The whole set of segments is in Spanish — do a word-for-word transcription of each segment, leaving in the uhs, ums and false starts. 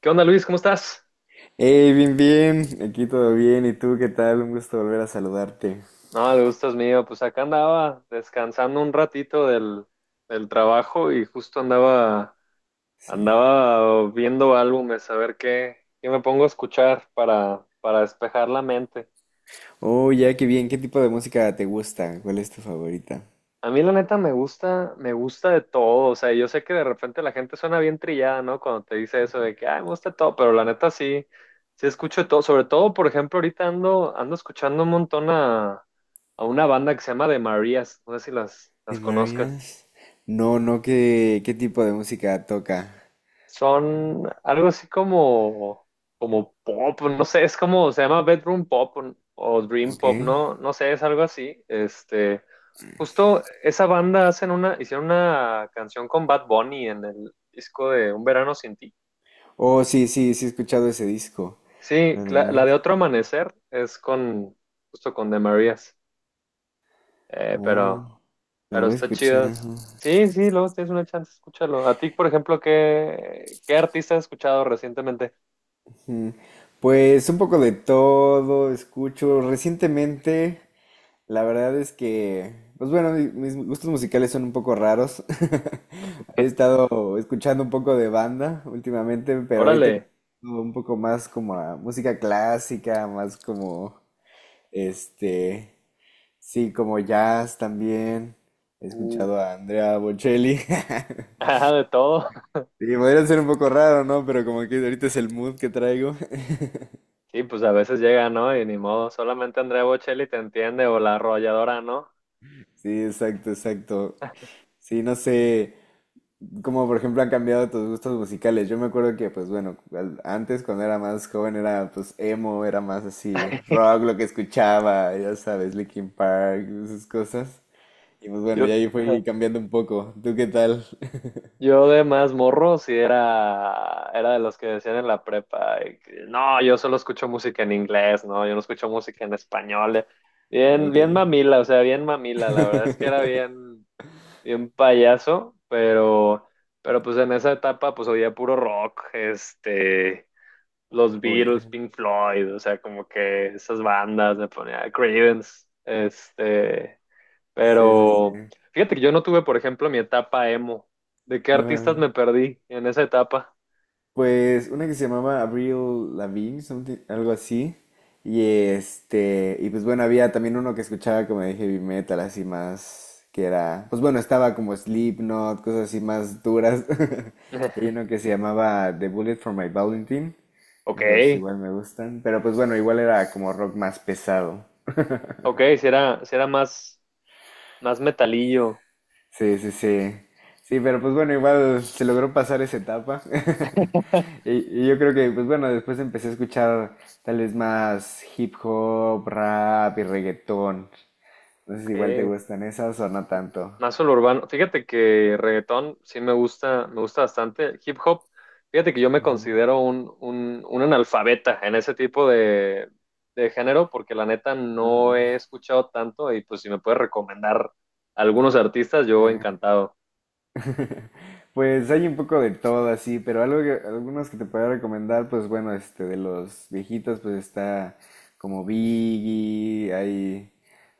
¿Qué onda, Luis? ¿Cómo estás? Hey, bien, bien, aquí todo bien, ¿y tú qué tal? Un gusto volver a saludarte. No, el gusto es mío. Pues acá andaba descansando un ratito del, del trabajo y justo andaba, Sí. andaba viendo álbumes, a ver qué, qué me pongo a escuchar para, para despejar la mente. Oh, ya, qué bien, ¿qué tipo de música te gusta? ¿Cuál es tu favorita? A mí la neta me gusta, me gusta de todo, o sea, yo sé que de repente la gente suena bien trillada, ¿no? Cuando te dice eso de que, ay, me gusta de todo, pero la neta sí, sí escucho de todo, sobre todo, por ejemplo, ahorita ando, ando escuchando un montón a, a una banda que se llama The Marías, no sé si las, las ¿De conozcas, Marias? No, no, ¿qué, qué tipo de música toca? son algo así como, como pop, no sé, es como, se llama Bedroom Pop o, o Dream ¿Ok? Pop, no, no sé, es algo así, este... Justo esa banda hacen una, hicieron una canción con Bad Bunny en el disco de Un Verano Sin Ti. Oh, sí, sí, sí he escuchado ese disco. Sí, ¿Lo de la, la de Marías? Otro Amanecer es con, justo con De Marías. Eh, Oh, pero, lo pero voy a está chido. escuchar. Sí, sí, luego tienes una chance, escúchalo. A ti, por ejemplo, ¿qué, qué artista has escuchado recientemente? Ujú. Pues un poco de todo, escucho recientemente... La verdad es que, pues bueno, mi- mis gustos musicales son un poco raros. Había estado escuchando un poco de banda últimamente, pero ahorita Órale, un poco más como a música clásica, más como, este, sí, como jazz también. He escuchado uff. a Andrea Bocelli. Ah, de todo. Sí, podría ser un poco raro, ¿no? Pero como que ahorita es el mood que traigo. Sí, pues a veces llega, ¿no? Y ni modo, solamente Andrea Bocelli te entiende o la arrolladora, ¿no? Sí, exacto, exacto. Sí, no sé. Como por ejemplo han cambiado tus gustos musicales. Yo me acuerdo que, pues bueno, al- antes cuando era más joven era pues emo, era más así rock lo que escuchaba, ya sabes, Linkin Park, esas cosas. Y pues bueno, ya Yo, ahí fui ajá. cambiando un poco. ¿Tú qué tal? Yo de más morro sí era, era de los que decían en la prepa, eh, que, no, yo solo escucho música en inglés, no, yo no escucho música en español. eh". Bien, Ok. bien mamila, o sea, bien mamila, la verdad es que era bien, bien payaso, pero, pero pues en esa etapa pues oía puro rock, este, los Oye. Beatles, Pink Floyd, o sea, como que esas bandas, me ponía Creedence, este, Sí, sí, pero fíjate que yo no tuve, por ejemplo, mi etapa emo. ¿De qué sí. artistas me perdí en esa etapa? Pues una que se llamaba Avril Lavigne, something- algo así. Y este, y pues bueno, había también uno que escuchaba como de heavy metal, así más que era, pues bueno, estaba como Slipknot, cosas así más duras. Y hay uno que se llamaba The Bullet for My Valentine. Ok, Esos igual me gustan, pero pues bueno, igual era como rock más pesado. ok, si era, si era más, más metalillo, Sí, sí, sí. Sí, pero pues bueno, igual se logró pasar esa etapa. Y, y yo creo que, pues bueno, después empecé a escuchar tal vez más hip hop, rap y reggaetón. Entonces igual te ok. gustan esas o no tanto. Más el urbano. Fíjate que reggaetón sí me gusta, me gusta bastante. Hip hop, fíjate que yo me Ujú, considero un, un, un analfabeta en ese tipo de, de género, porque la neta no ujú, he escuchado tanto y pues si me puedes recomendar algunos artistas, yo eh. encantado. Pues hay un poco de todo así, pero algo que- algunos que te puedo recomendar, pues bueno, este, de los viejitos, pues está como Biggie, hay,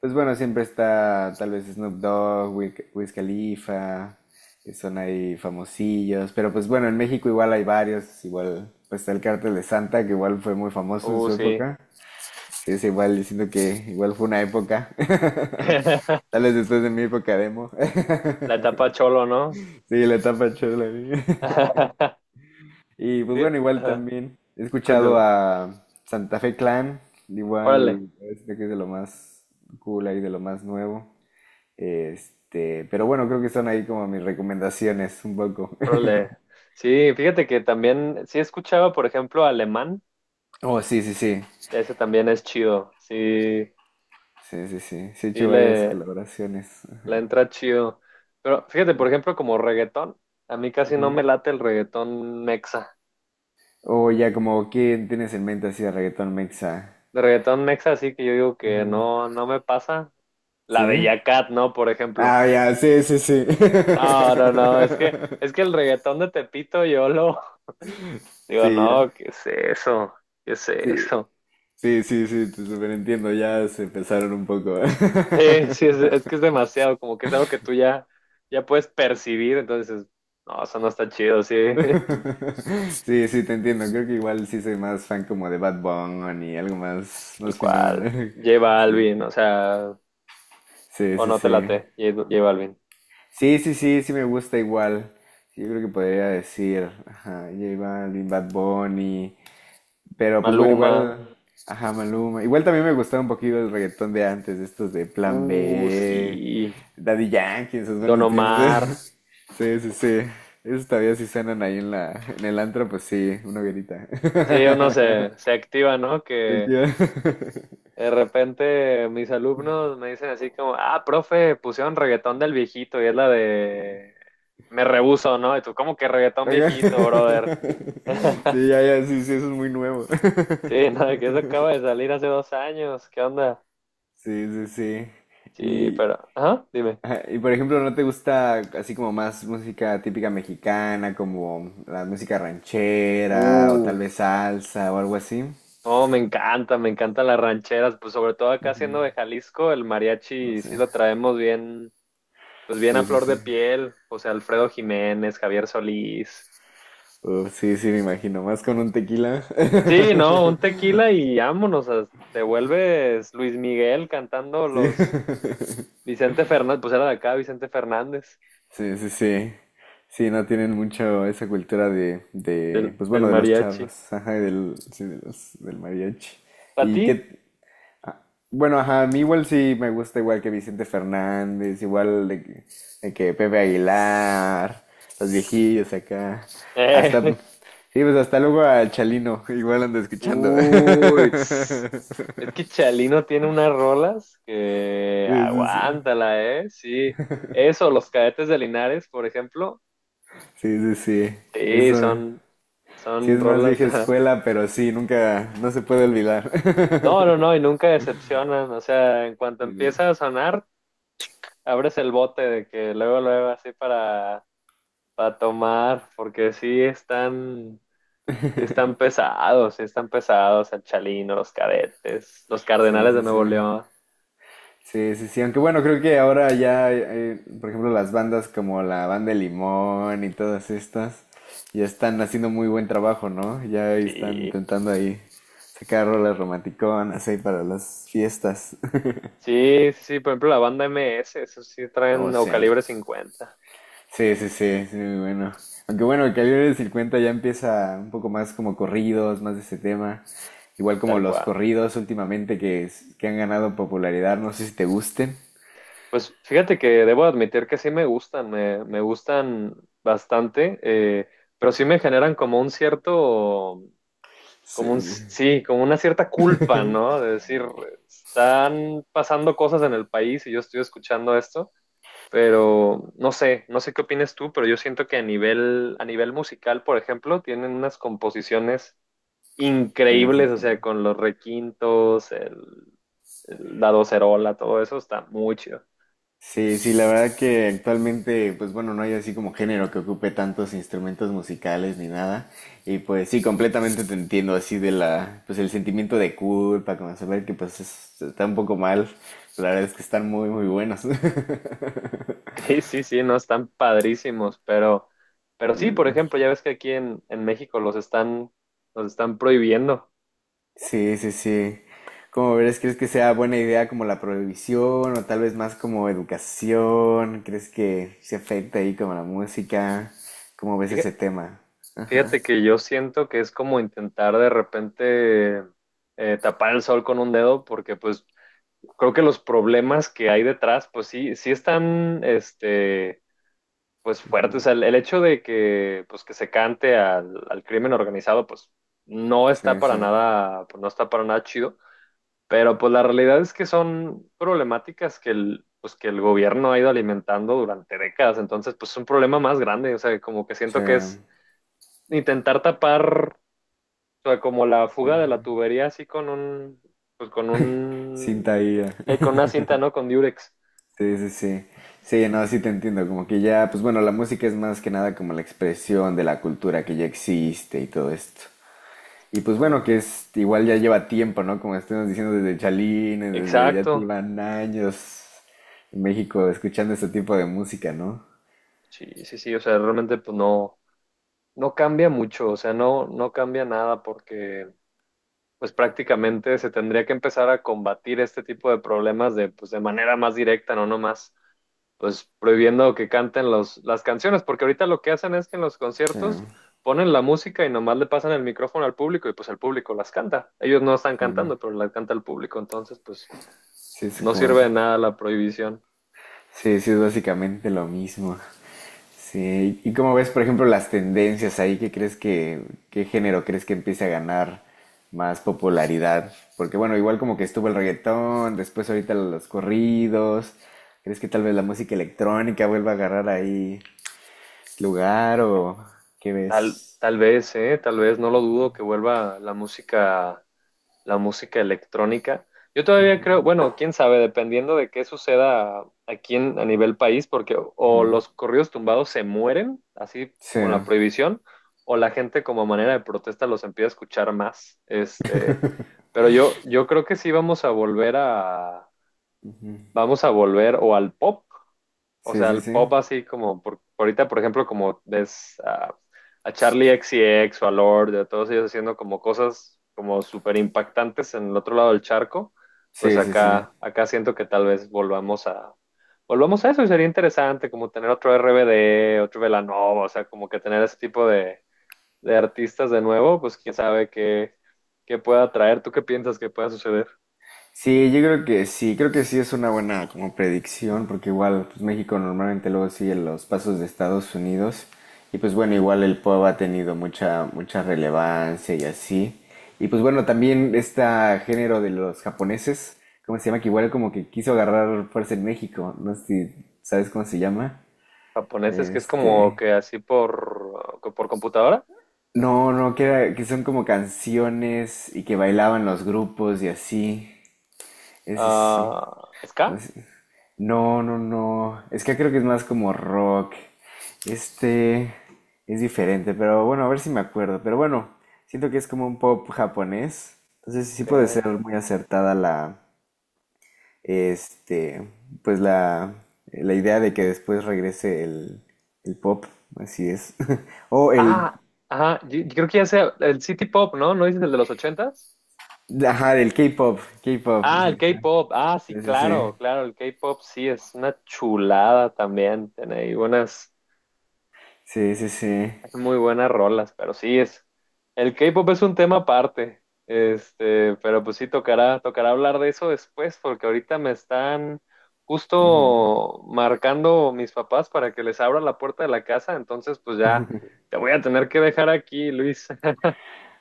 pues bueno, siempre está tal vez Snoop Dogg, Wiz Wiz Khalifa, que son ahí famosillos, pero pues bueno, en México igual hay varios, igual, pues está el Cártel de Santa, que igual fue muy famoso en Uh, su Sí. época, es igual, diciendo que igual fue una época, La tal vez después de mi época demo, etapa cholo, ¿no? sí, la etapa chula. Y pues Sí, bueno, igual ajá, también he escuchado cuéntame. a Santa Fe Clan, Órale, igual parece que es de lo más cool ahí, de lo más nuevo. Este, pero bueno, creo que son ahí como mis recomendaciones un poco. órale. Sí, fíjate que también, sí escuchaba, por ejemplo, alemán, Oh, sí, sí, sí. ese también es chido. Sí, Sí, sí, sí. Sí he sí, hecho varias le, colaboraciones. le Ajá. entra chido. Pero fíjate, por ejemplo, como reggaetón, a mí casi no me Ujú. late el reggaetón mexa. O ya como ¿quién tienes en mente así de reggaetón mexa? De reggaetón mexa, sí que yo digo que Ajá. no, no me pasa. ¿Sí? La Bella Cat, ¿no? Por ejemplo. Ah, ya, sí, sí, sí. No, no, no, es que, es que el reggaetón de Tepito yo lo... Digo, Sí, ya. no, ¿qué es eso? ¿Qué es Sí. eso? Sí, sí, sí, te superentiendo, ya se empezaron un poco. Sí, sí, es, es que es demasiado, como que es algo que tú ya, ya puedes percibir, entonces, no, eso no está chido, sí. Sí, sí, te entiendo, creo que igual sí soy más fan como de Bad Bunny, algo más, Tal más finón. cual. Lleva Sí, Alvin, o sea... sí, O sí, no te sí. late, J J Balvin. Sí, sí, sí, sí me gusta igual. Sí, yo creo que podría decir, ajá, J Balvin, Bad Bunny, pero pues bueno, Maluma. igual, ajá, Maluma. Igual también me gustaba un poquito el reggaetón de antes, estos de Plan Uh, B, sí. Daddy Yankee, esos Don buenos tiempos. Omar. Sí, sí, sí. Esos todavía sí suenan ahí en la, en el antro, pues sí, una hoguerita. Sí, uno se, se activa, ¿no? Te Que quiero. de repente mis alumnos me dicen así como, ah, profe, pusieron reggaetón del viejito y es la de Me Rehuso, ¿no? Y tú, ¿cómo que reggaetón Ajá. viejito, brother? Sí, ya, ya, sí, sí, eso es muy nuevo. Sí, no, que eso acaba de salir hace dos años. ¿Qué onda? Sí, sí, sí. Sí, Y, pero, ajá, dime. ajá, y por ejemplo, ¿no te gusta así como más música típica mexicana, como la música ranchera o Uh. tal vez salsa o algo así? No, me encanta, me encantan las rancheras, pues sobre todo acá siendo de Jalisco, el No mariachi sí sé. lo traemos bien, pues bien a Sí, sí, flor de sí. piel, o sea, Alfredo Jiménez, Javier Solís. Uf, sí, sí, me imagino. Más con un tequila. Sí, no, un tequila y vámonos, as- te vuelves Luis Miguel cantando Sí. los Vicente Fernández, pues era de acá Vicente Fernández, Sí, sí, sí. Sí, no tienen mucho esa cultura de, de, del, pues del bueno, de los mariachi. charros, ajá, y del, sí, de los, del mariachi. ¿Para ¿Y ti? qué, bueno, ajá, a mí igual sí me gusta igual que Vicente Fernández, igual de que, de que Pepe Aguilar, los viejillos acá, hasta, sí, pues hasta luego al Chalino, igual ando escuchando. Uy, tss. Es que Chalino tiene unas rolas que Sí, sí, sí, aguántala, ¿eh? Sí, eso, los Cadetes de Linares, por ejemplo, sí, sí, sí, sí, eso, son, sí son es más rolas. vieja escuela, pero sí, nunca, no se puede olvidar. No, no, no, y nunca decepcionan, o sea, en cuanto Sí, empieza a sonar, abres el bote de que luego, luego, así para, para tomar, porque sí están, sí están pesados, sí están pesados, el Chalino, los Cadetes, los sí, Cardenales de sí. Nuevo León, Sí, sí, sí, aunque bueno, creo que ahora ya, eh, eh, por ejemplo, las bandas como la Banda de Limón y todas estas, ya están haciendo muy buen trabajo, ¿no? Ya están sí. intentando ahí sacar rolas romanticonas ahí para las fiestas. Sí, sí, sí, por ejemplo, la banda M S eso sí O traen, o sea, Calibre cincuenta, sí, sí, sí, sí, muy bueno. Aunque bueno, el calibre de cincuenta ya empieza un poco más como corridos, más de ese tema. Igual como tal los cual. corridos últimamente que, es- que han ganado popularidad, no sé si te gusten. Pues fíjate que debo admitir que sí me gustan, me, me gustan bastante, eh, pero sí me generan como un cierto, Sí, como un, sí, como una cierta culpa, ¿no? De decir, están pasando cosas en el país y yo estoy escuchando esto, pero no sé, no sé qué opinas tú, pero yo siento que a nivel, a nivel musical, por ejemplo, tienen unas composiciones increíbles, o sí. sea, con los requintos, el, el- la docerola, todo eso está muy chido. Sí, sí, la verdad que actualmente, pues bueno, no hay así como género que ocupe tantos instrumentos musicales ni nada. Y pues sí, completamente te entiendo así de la, pues el sentimiento de culpa, como saber que pues es- está un poco mal. La verdad es que están muy, muy buenos. Sí, sí, sí, no, están padrísimos, pero, pero sí, por Eh, ejemplo, ya ves que aquí en, en México los están, los están prohibiendo. sí, sí, sí. ¿Cómo ves? ¿Crees que sea buena idea como la prohibición o tal vez más como educación? ¿Crees que se afecta ahí como la música? ¿Cómo ves ese Fíjate, tema? fíjate que yo siento que es como intentar de repente eh, tapar el sol con un dedo, porque pues creo que los problemas que hay detrás, pues sí, sí están, este pues fuerte. O sea, el, el hecho de que, pues, que se cante al, al crimen organizado, pues no Sí, está sí, para nada, pues, no está para nada chido. Pero pues la realidad es que son problemáticas que el, pues, que el gobierno ha ido alimentando durante décadas. Entonces, pues es un problema más grande. O sea, como que siento que es intentar tapar, o sea, como la sí. fuga de la tubería así con un, pues con un, Cinta I A. eh, con una cinta, ¿no? Con Durex. Sí, sí, sí. Sí, no, sí te entiendo. Como que ya, pues bueno, la música es más que nada como la expresión de la cultura que ya existe y todo esto. Y pues bueno, que Exactamente. es igual ya lleva tiempo, ¿no? Como estuvimos diciendo desde Chalín, desde ya Exacto. llevan años en México escuchando este tipo de música, ¿no? Sí, sí, sí. O sea, realmente pues no, No cambia mucho, o sea, no, no cambia nada porque pues prácticamente se tendría que empezar a combatir este tipo de problemas de, pues, de manera más directa, no nomás, pues prohibiendo que canten los, las canciones, porque ahorita lo que hacen es que en los Sí, conciertos ponen la música y nomás le pasan el micrófono al público y pues el público las canta. Ellos no están sí, cantando, pero las canta el público, entonces pues sí, es no como, sirve de nada la prohibición. sí, sí, es básicamente lo mismo. Sí, ¿y cómo ves, por ejemplo, las tendencias ahí? ¿Qué crees que, qué género crees que empiece a ganar más popularidad? Porque bueno, igual como que estuvo el reggaetón, después ahorita los corridos. ¿Crees que tal vez la música electrónica vuelva a agarrar ahí lugar o qué Tal, ves? tal vez, eh, tal vez, no lo dudo que vuelva la música la música electrónica. Yo todavía creo, bueno, quién sabe, dependiendo de qué suceda aquí en- a nivel país, porque o o los corridos tumbados se mueren, así Sí, con la prohibición, o la gente como manera de protesta los empieza a escuchar más. Este, pero yo, yo creo que sí vamos a volver a, vamos a volver o al pop, o sí, sea, sí, el sí. pop así como, por, por ahorita, por ejemplo, como ves a, a Charlie X C X o a Lord, a todos ellos haciendo como cosas como súper impactantes en el otro lado del charco, pues Sí, sí, sí. acá, acá siento que tal vez volvamos a, volvamos a eso, y sería interesante como tener otro R B D, otro Velanova, o sea, como que tener ese tipo de, de artistas de nuevo, pues quién sabe qué, qué pueda traer. ¿Tú qué piensas que pueda suceder? Sí, yo creo que sí, creo que sí es una buena como predicción, porque igual pues, México normalmente luego sigue los pasos de Estados Unidos y pues bueno, igual el P O B ha tenido mucha mucha relevancia y así. Y pues bueno, también este género de los japoneses, ¿cómo se llama? Que igual como que quiso agarrar fuerza en México, no sé si sabes cómo se llama. ¿Japoneses que es como Este, que así por, por computadora? no, no, que era- que son como canciones y que bailaban los grupos y así. Ese sí, Ah, no ¿ska? sé. No, no, no. Es que acá creo que es más como rock. Este es diferente, pero bueno, a ver si me acuerdo. Pero bueno, siento que es como un pop japonés. Entonces sí puede ser Ok. muy acertada la, este, pues la, la idea de que después regrese el, el pop, así es. O el, Ah, ajá, yo, yo creo que ya sea el City Pop, ¿no? ¿No dices el de los ochentas? ajá, el K-pop, K-pop. Ah, el K pop. Ah, sí, Sí, sí, sí. claro, claro, el K pop sí es una chulada también. Tiene ahí buenas. Sí, sí, sí. Hay Muy buenas rolas, pero sí es. El K-pop es un tema aparte. Este, pero pues sí tocará, tocará hablar de eso después, porque ahorita me están Ujú. justo marcando mis papás para que les abra la puerta de la casa. Entonces, pues ya te voy a tener que dejar aquí, Luis.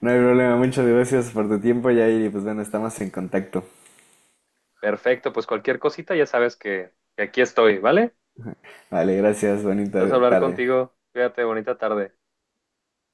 No hay problema, muchas gracias por tu tiempo, Yair, y pues bueno, estamos en contacto. Perfecto, pues cualquier cosita ya sabes que, que aquí estoy, ¿vale? Vale, gracias, Estás a bonita hablar tarde. contigo. Cuídate, bonita tarde.